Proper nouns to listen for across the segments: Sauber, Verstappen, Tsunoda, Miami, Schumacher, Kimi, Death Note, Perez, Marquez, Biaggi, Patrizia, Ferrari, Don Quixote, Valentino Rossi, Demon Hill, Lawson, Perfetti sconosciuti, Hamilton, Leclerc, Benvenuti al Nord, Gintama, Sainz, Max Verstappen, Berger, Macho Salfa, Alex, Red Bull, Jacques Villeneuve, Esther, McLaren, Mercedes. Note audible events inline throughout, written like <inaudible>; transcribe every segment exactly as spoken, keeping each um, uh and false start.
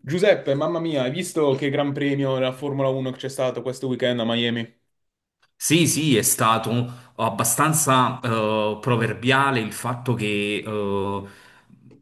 Giuseppe, mamma mia, hai visto che gran premio della Formula uno che c'è stato questo weekend a Miami? Sì, sì, è stato abbastanza eh, proverbiale il fatto che eh,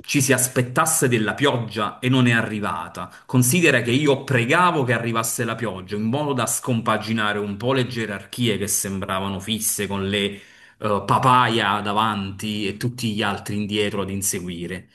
ci si aspettasse della pioggia e non è arrivata. Considera che io pregavo che arrivasse la pioggia in modo da scompaginare un po' le gerarchie che sembravano fisse con le eh, papaya davanti e tutti gli altri indietro ad inseguire.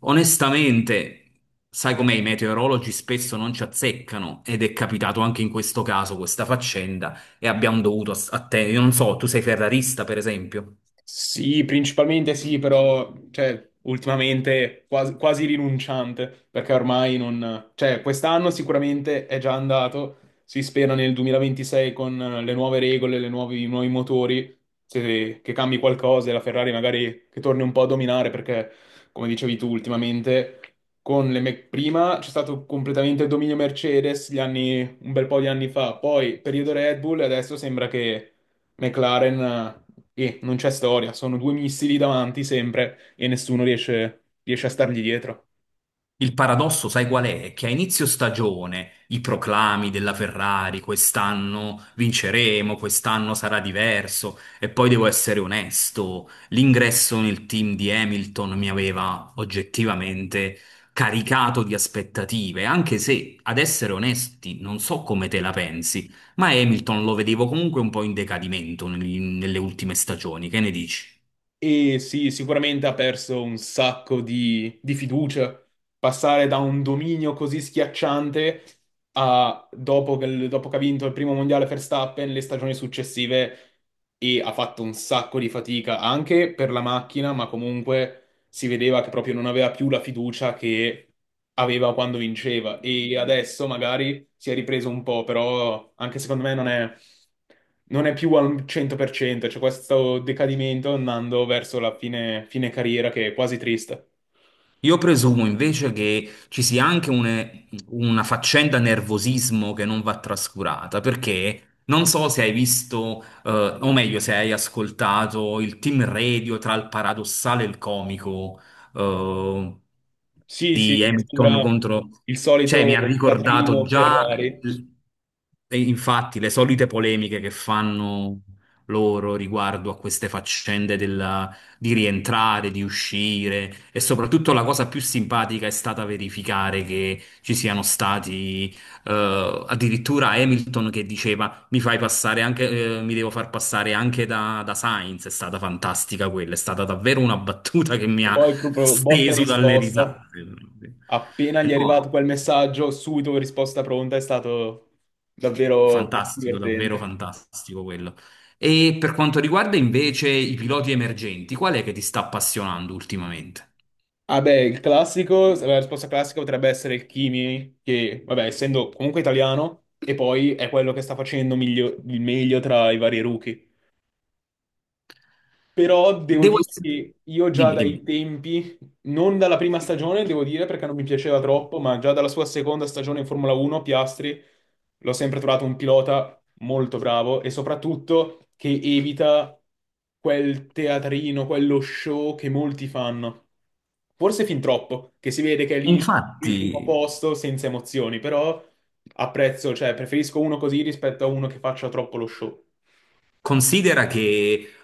Onestamente, sai com'è, i meteorologi spesso non ci azzeccano ed è capitato anche in questo caso questa faccenda e abbiamo dovuto ass- attendere. Io non so, tu sei ferrarista, per esempio. Sì, principalmente sì, però cioè, ultimamente quasi, quasi rinunciante, perché ormai non... Cioè, quest'anno sicuramente è già andato, si spera nel duemilaventisei con eh, le nuove regole, le nuovi, i nuovi motori, se- che cambi qualcosa e la Ferrari magari che torni un po' a dominare, perché come dicevi tu ultimamente, con le me- prima c'è stato completamente il dominio Mercedes gli anni- un bel po' di anni fa, poi periodo Red Bull e adesso sembra che... McLaren, e non c'è storia, sono due missili davanti sempre e nessuno riesce, riesce a stargli dietro. Il paradosso, sai qual è? Che a inizio stagione i proclami della Ferrari, quest'anno vinceremo, quest'anno sarà diverso, e poi devo essere onesto, l'ingresso nel team di Hamilton mi aveva oggettivamente caricato di aspettative, anche se, ad essere onesti, non so come te la pensi, ma Hamilton lo vedevo comunque un po' in decadimento nel- nelle ultime stagioni, che ne dici? E sì, sicuramente ha perso un sacco di, di fiducia. Passare da un dominio così schiacciante a, dopo che, dopo che ha vinto il primo mondiale Verstappen, le stagioni successive e ha fatto un sacco di fatica anche per la macchina, ma comunque si vedeva che proprio non aveva più la fiducia che aveva quando vinceva e adesso magari si è ripreso un po', però anche secondo me non è, non è più al cento per cento, c'è questo decadimento andando verso la fine, fine carriera che è quasi triste. Io presumo invece che ci sia anche une- una faccenda nervosismo che non va trascurata, perché non so se hai visto, eh, o meglio, se hai ascoltato il team radio tra il paradossale e il comico. eh, Sì, sì, di che Hamilton sembra contro... il Cioè, mi ha solito ricordato teatrino già, Ferrari, l- E infatti, le solite polemiche che fanno loro riguardo a queste faccende della- di rientrare, di uscire e soprattutto la cosa più simpatica è stata verificare che ci siano stati eh, addirittura Hamilton che diceva mi fai passare anche, eh, mi devo far passare anche da, da Sainz. È stata fantastica quella, è stata davvero una battuta che mi e ha poi proprio botta e steso dalle risposta. risate. Appena gli è No, arrivato quel messaggio, subito risposta pronta, è stato davvero fantastico, davvero divertente. fantastico quello. E per quanto riguarda invece i piloti emergenti, qual è che ti sta appassionando ultimamente? Ah beh, il classico, la risposta classica potrebbe essere il Kimi, che vabbè, essendo comunque italiano, e poi è quello che sta facendo miglio- il meglio tra i vari rookie. Però devo Devo dire essere... che io già Dimmi, dai dimmi. tempi, non dalla prima stagione, devo dire perché non mi piaceva troppo, ma già dalla sua seconda stagione in Formula uno, Piastri, l'ho sempre trovato un pilota molto bravo e soprattutto che evita quel teatrino, quello show che molti fanno. Forse fin troppo, che si vede che è lì sul primo Infatti. posto senza emozioni, però apprezzo, cioè preferisco uno così rispetto a uno che faccia troppo lo show. Considera che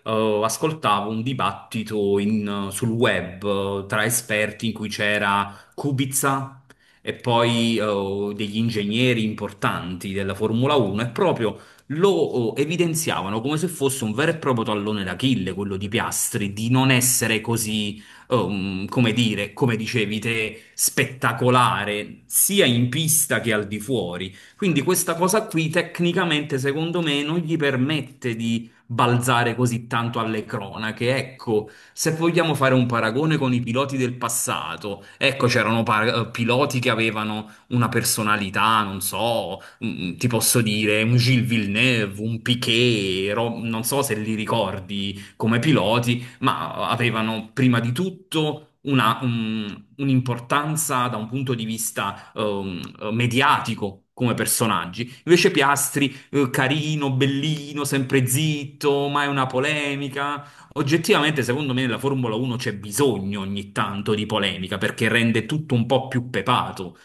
eh, ascoltavo un dibattito in- sul web, eh, tra esperti in cui c'era Kubica e poi eh, degli ingegneri importanti della Formula uno e proprio lo eh, evidenziavano come se fosse un vero e proprio tallone d'Achille, quello di Piastri, di non essere così, ehm, come dire, come dicevi te, spettacolare sia in pista che al di fuori. Quindi questa cosa qui tecnicamente secondo me non gli permette di balzare così tanto alle cronache. Ecco, se vogliamo fare un paragone con i piloti del passato, ecco c'erano par- eh, piloti che avevano una personalità, non so, mm, mm, ti posso dire un Gilles Villeneuve, un Piquet, ro- non so se li ricordi come piloti, ma avevano prima di tutto una- un- un'importanza da un punto di vista ehm, mediatico come personaggi. Invece Piastri, eh, carino, bellino, sempre zitto, mai una polemica. Oggettivamente, secondo me, nella Formula uno c'è bisogno ogni tanto di polemica perché rende tutto un po' più pepato.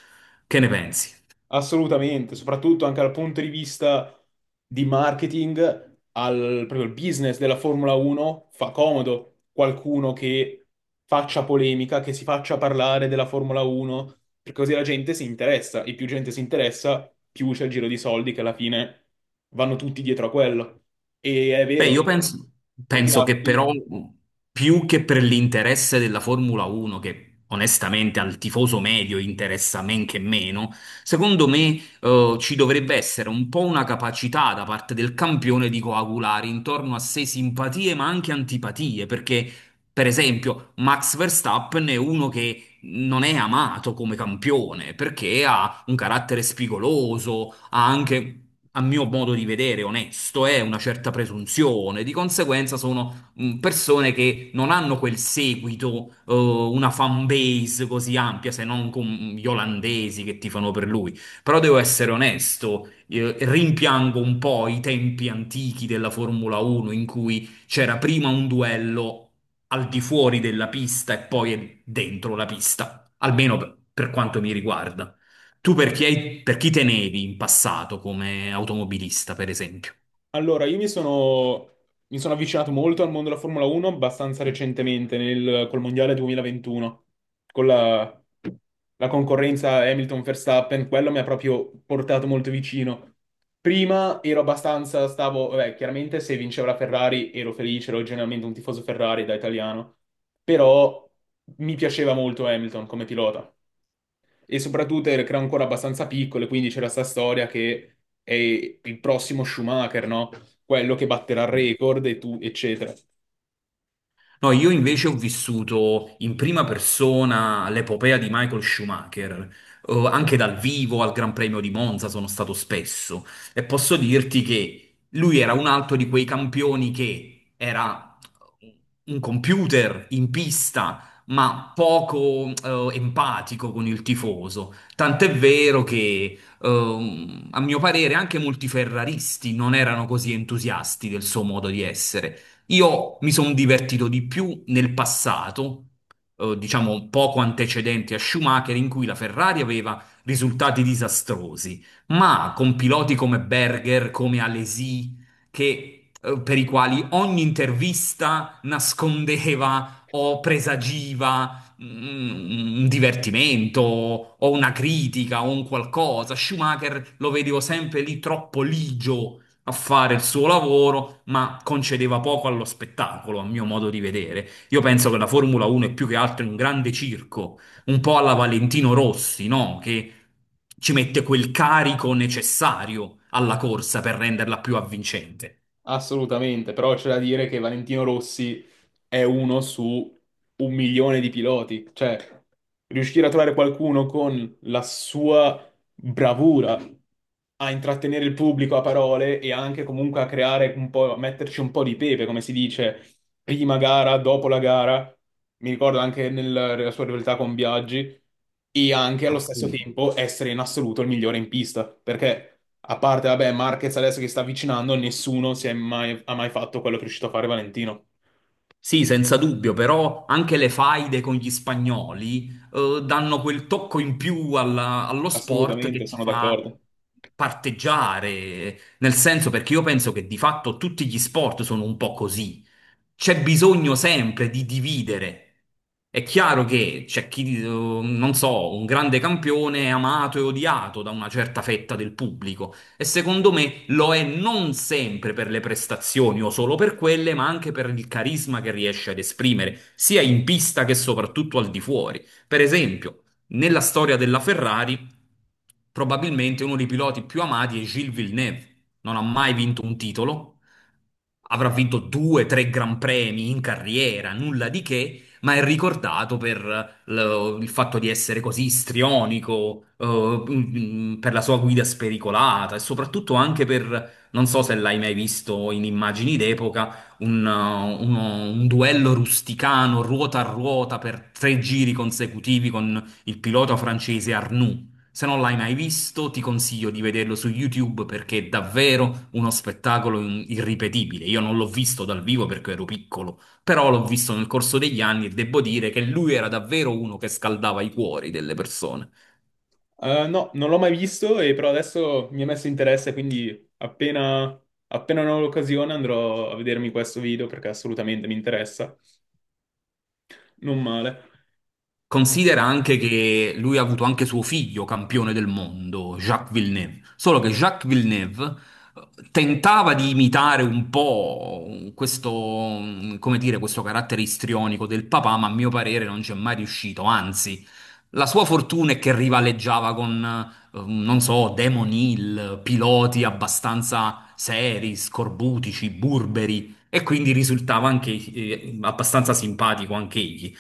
Che ne pensi? Assolutamente, soprattutto anche dal punto di vista di marketing, al proprio il business della Formula uno fa comodo qualcuno che faccia polemica, che si faccia parlare della Formula uno, perché così la gente si interessa e più gente si interessa, più c'è il giro di soldi che alla fine vanno tutti dietro a quello. E è Beh, vero io penso, che penso che Piastri. però mh, più che per l'interesse della Formula uno, che onestamente al tifoso medio interessa men che meno, secondo me eh, ci dovrebbe essere un po' una capacità da parte del campione di coagulare intorno a sé simpatie ma anche antipatie, perché per esempio Max Verstappen è uno che non è amato come campione perché ha un carattere spigoloso. Ha anche, a mio modo di vedere, onesto, eh, una certa presunzione. Di conseguenza sono mh, persone che non hanno quel seguito, eh, una fan base così ampia, se non con gli olandesi che tifano per lui. Però devo essere onesto, eh, rimpiango un po' i tempi antichi della Formula uno in cui c'era prima un duello al di fuori della pista e poi dentro la pista, almeno per per quanto mi riguarda. Tu per chi, hai- per chi tenevi in passato come automobilista, per esempio? Allora, io mi sono, mi sono avvicinato molto al mondo della Formula uno abbastanza recentemente, nel, col Mondiale duemilaventuno, con la, la concorrenza Hamilton-Verstappen, quello mi ha proprio portato molto vicino. Prima ero abbastanza, stavo, vabbè, chiaramente se vinceva la Ferrari ero felice, ero generalmente un tifoso Ferrari da italiano, però mi piaceva molto Hamilton come pilota. E soprattutto era era ancora abbastanza piccolo, e quindi c'era sta storia che è il prossimo Schumacher, no? Quello che batterà il record e tu, eccetera. No, io invece ho vissuto in prima persona l'epopea di Michael Schumacher, eh, anche dal vivo al Gran Premio di Monza sono stato spesso e posso dirti che lui era un altro di quei campioni che era un computer in pista, ma poco eh, empatico con il tifoso. Tant'è vero che, ehm, a mio parere, anche molti ferraristi non erano così entusiasti del suo modo di essere. Io mi sono divertito di più nel passato, eh, diciamo poco antecedenti a Schumacher, in cui la Ferrari aveva risultati disastrosi, ma con piloti come Berger, come Alesi, che, eh, per i quali ogni intervista nascondeva o presagiva mm, un divertimento o una critica o un qualcosa. Schumacher lo vedevo sempre lì troppo ligio a fare il suo lavoro, ma concedeva poco allo spettacolo, a mio modo di vedere. Io penso che la Formula uno è più che altro un grande circo, un po' alla Valentino Rossi, no? Che ci mette quel carico necessario alla corsa per renderla più avvincente. Assolutamente, però c'è da dire che Valentino Rossi è uno su un milione di piloti. Cioè, riuscire a trovare qualcuno con la sua bravura a intrattenere il pubblico a parole e anche comunque a creare un po', a metterci un po' di pepe, come si dice, prima gara, dopo la gara. Mi ricordo anche nel- nella sua rivalità con Biaggi e anche allo stesso Appunto. tempo essere in assoluto il migliore in pista, perché a parte, vabbè, Marquez adesso che sta avvicinando, nessuno si è mai, ha mai fatto quello che è riuscito a fare Valentino. Sì, senza dubbio, però anche le faide con gli spagnoli eh, danno quel tocco in più alla- allo sport Assolutamente, che ti sono fa d'accordo. parteggiare, nel senso perché io penso che di fatto tutti gli sport sono un po' così. C'è bisogno sempre di dividere. È chiaro che c'è chi, eh, non so, un grande campione è amato e odiato da una certa fetta del pubblico. E secondo me me lo è non sempre per le prestazioni o solo per quelle, ma anche per il carisma che riesce ad esprimere, sia in pista che soprattutto al di fuori. Per esempio, nella storia della Ferrari, probabilmente uno dei piloti più amati è Gilles Villeneuve. Non ha mai vinto un titolo, avrà vinto due, tre gran premi in carriera, nulla di che, ma è ricordato per l- il fatto di essere così istrionico, eh, mm, mm, per la sua guida spericolata e soprattutto anche per, non so se l'hai mai visto in immagini d'epoca, un, eh, uno- un duello rusticano ruota a ruota per tre giri consecutivi con il pilota francese Arnoux. Se non l'hai mai visto, ti consiglio di vederlo su YouTube perché è davvero uno spettacolo in- irripetibile. Io non l'ho visto dal vivo perché ero piccolo, però l'ho visto nel corso degli anni e devo dire che lui era davvero uno che scaldava i cuori delle persone. Eh, no, non l'ho mai visto, e però adesso mi è messo interesse, quindi appena, appena ne ho l'occasione andrò a vedermi questo video perché assolutamente mi interessa. Non male. Considera anche che lui ha avuto anche suo figlio campione del mondo, Jacques Villeneuve. Solo che Jacques Villeneuve eh, tentava di imitare un po' questo, mm, come dire, questo carattere istrionico del papà, ma a mio parere non ci è mai riuscito. Anzi, la sua fortuna è che rivaleggiava con, eh, non so, Demon Hill, piloti abbastanza seri, scorbutici, burberi, e quindi risultava anche eh, abbastanza simpatico anche egli.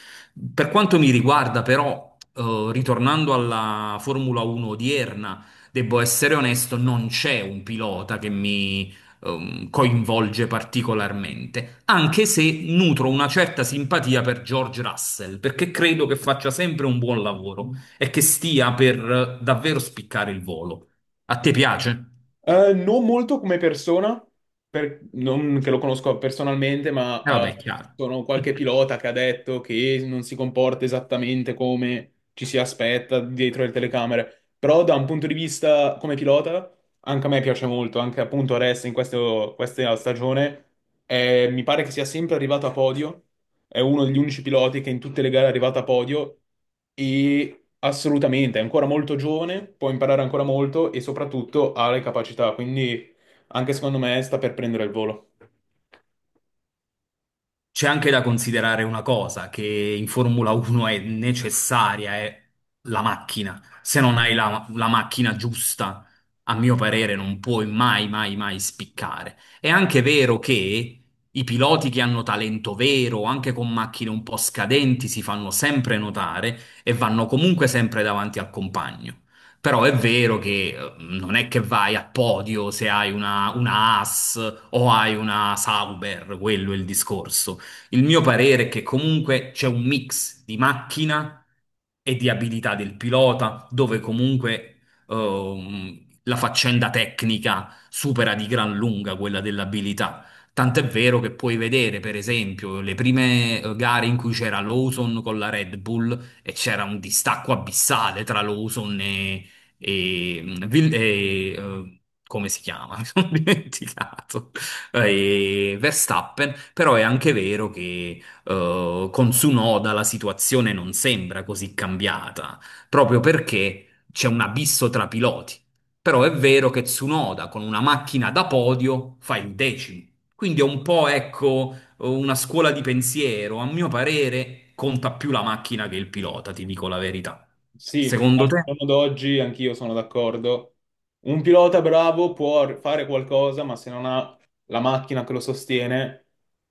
Per quanto mi riguarda, però, eh, ritornando alla Formula uno odierna, devo essere onesto, non c'è un pilota che mi ehm, coinvolge particolarmente, anche se nutro una certa simpatia per George Russell, perché credo che faccia sempre un buon lavoro e che stia per eh, davvero spiccare il volo. A te piace? Eh, non molto come persona, per- non che lo conosco personalmente, ma E eh, vabbè, è chiaro. sono qualche <laughs> pilota che ha detto che non si comporta esattamente come ci si aspetta dietro le telecamere. Però da un punto di vista come pilota, anche a me piace molto, anche appunto adesso in questo- questa stagione, eh, mi pare che sia sempre arrivato a podio, è uno degli unici piloti che in tutte le gare è arrivato a podio. E assolutamente, è ancora molto giovane, può imparare ancora molto e soprattutto ha le capacità, quindi anche secondo me sta per prendere il volo. C'è anche da considerare una cosa, che in Formula uno è necessaria, è la macchina. Se non hai la, la macchina giusta, a mio parere, non puoi mai, mai, mai spiccare. È anche vero che i piloti che hanno talento vero, anche con macchine un po' scadenti, si fanno sempre notare e vanno comunque sempre davanti al compagno. Però è vero che eh, non è che vai a podio se hai una, una Haas o hai una Sauber, quello è il discorso. Il mio parere è che comunque c'è un mix di macchina e di abilità del pilota, dove comunque ehm, la faccenda tecnica supera di gran lunga quella dell'abilità. Tant'è vero che puoi vedere, per esempio, le prime eh, gare in cui c'era Lawson con la Red Bull e c'era un distacco abissale tra Lawson e, e, e, eh, come si chiama? <laughs> Mi sono dimenticato eh, e Verstappen, però è anche vero che eh, con Tsunoda la situazione non sembra così cambiata, proprio perché c'è un abisso tra piloti. Però è vero che Tsunoda con una macchina da podio fa il decimo. Quindi è un po', ecco, una scuola di pensiero. A mio parere conta più la macchina che il pilota, ti dico la verità. Sì, Secondo al te? giorno d'oggi anch'io sono d'accordo. Un pilota bravo può fare qualcosa, ma se non ha la macchina che lo sostiene,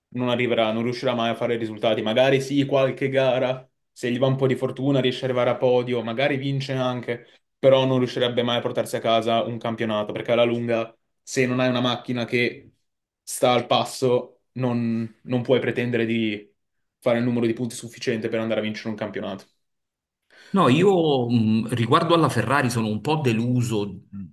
non arriverà, non riuscirà mai a fare risultati. Magari sì, qualche gara, se gli va un po' di fortuna, riesce ad arrivare a podio, magari vince anche, però non riuscirebbe mai a portarsi a casa un campionato, perché alla lunga, se non hai una macchina che sta al passo, non non puoi pretendere di fare il numero di punti sufficiente per andare a vincere un campionato. No, io mh, riguardo alla Ferrari sono un po' deluso. Mm.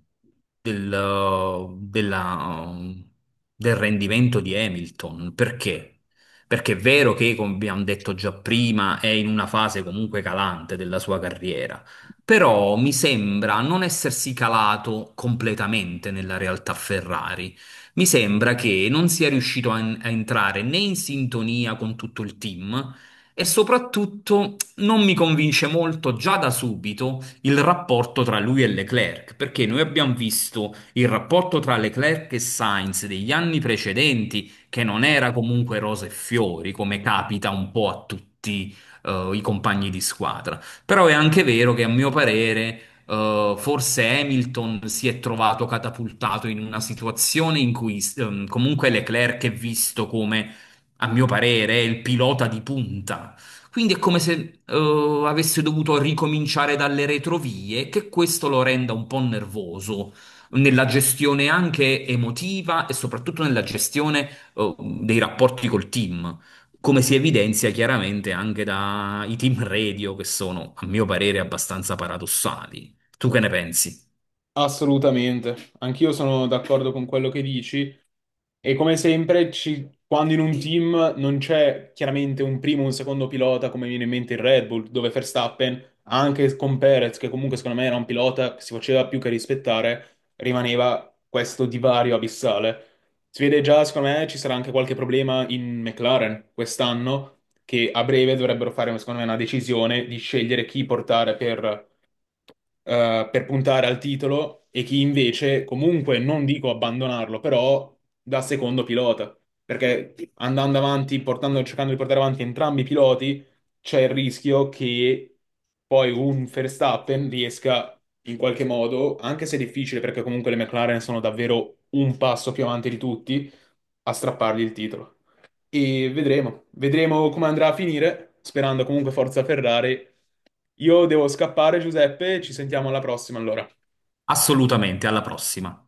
Del, eh, della, eh, del rendimento di Hamilton. Perché? Perché è vero che, come abbiamo detto già prima, è in una fase comunque calante della sua carriera, però mi sembra non essersi calato completamente nella realtà Ferrari. Mi sembra che non sia riuscito a a entrare né in sintonia con tutto il team e soprattutto non mi convince molto già da subito il rapporto tra lui e Leclerc, perché noi abbiamo visto il rapporto tra Leclerc e Sainz degli anni precedenti, che non era comunque rose e fiori, come capita un po' a tutti, eh, i compagni di squadra. Però è anche vero che a mio parere, eh, forse Hamilton si è trovato catapultato in una situazione in cui, ehm, comunque Leclerc è visto come a mio parere, è il pilota di punta, quindi è come se eh, avesse dovuto ricominciare dalle retrovie, che questo lo renda un po' nervoso nella gestione anche emotiva e soprattutto nella gestione eh, dei rapporti col team, come si evidenzia chiaramente anche dai team radio, che sono, a mio parere, abbastanza paradossali. Tu che ne pensi? Assolutamente, anch'io sono d'accordo con quello che dici, e come sempre ci- quando in un team non c'è chiaramente un primo o un secondo pilota, come viene in mente il Red Bull dove Verstappen anche con Perez, che comunque secondo me era un pilota che si faceva più che rispettare, rimaneva questo divario abissale. Si vede già secondo me ci sarà anche qualche problema in McLaren quest'anno, che a breve dovrebbero fare secondo me una decisione di scegliere chi portare per eh, per puntare al titolo e chi invece comunque non dico abbandonarlo, però da secondo pilota, perché andando avanti, portando, cercando di portare avanti entrambi i piloti, c'è il rischio che poi un Verstappen riesca in qualche modo, anche se è difficile perché comunque le McLaren sono davvero un passo più avanti di tutti, a strappargli il titolo. E vedremo, vedremo come andrà a finire, sperando comunque Forza Ferrari. Io devo scappare, Giuseppe, ci sentiamo alla prossima allora. Assolutamente, alla prossima.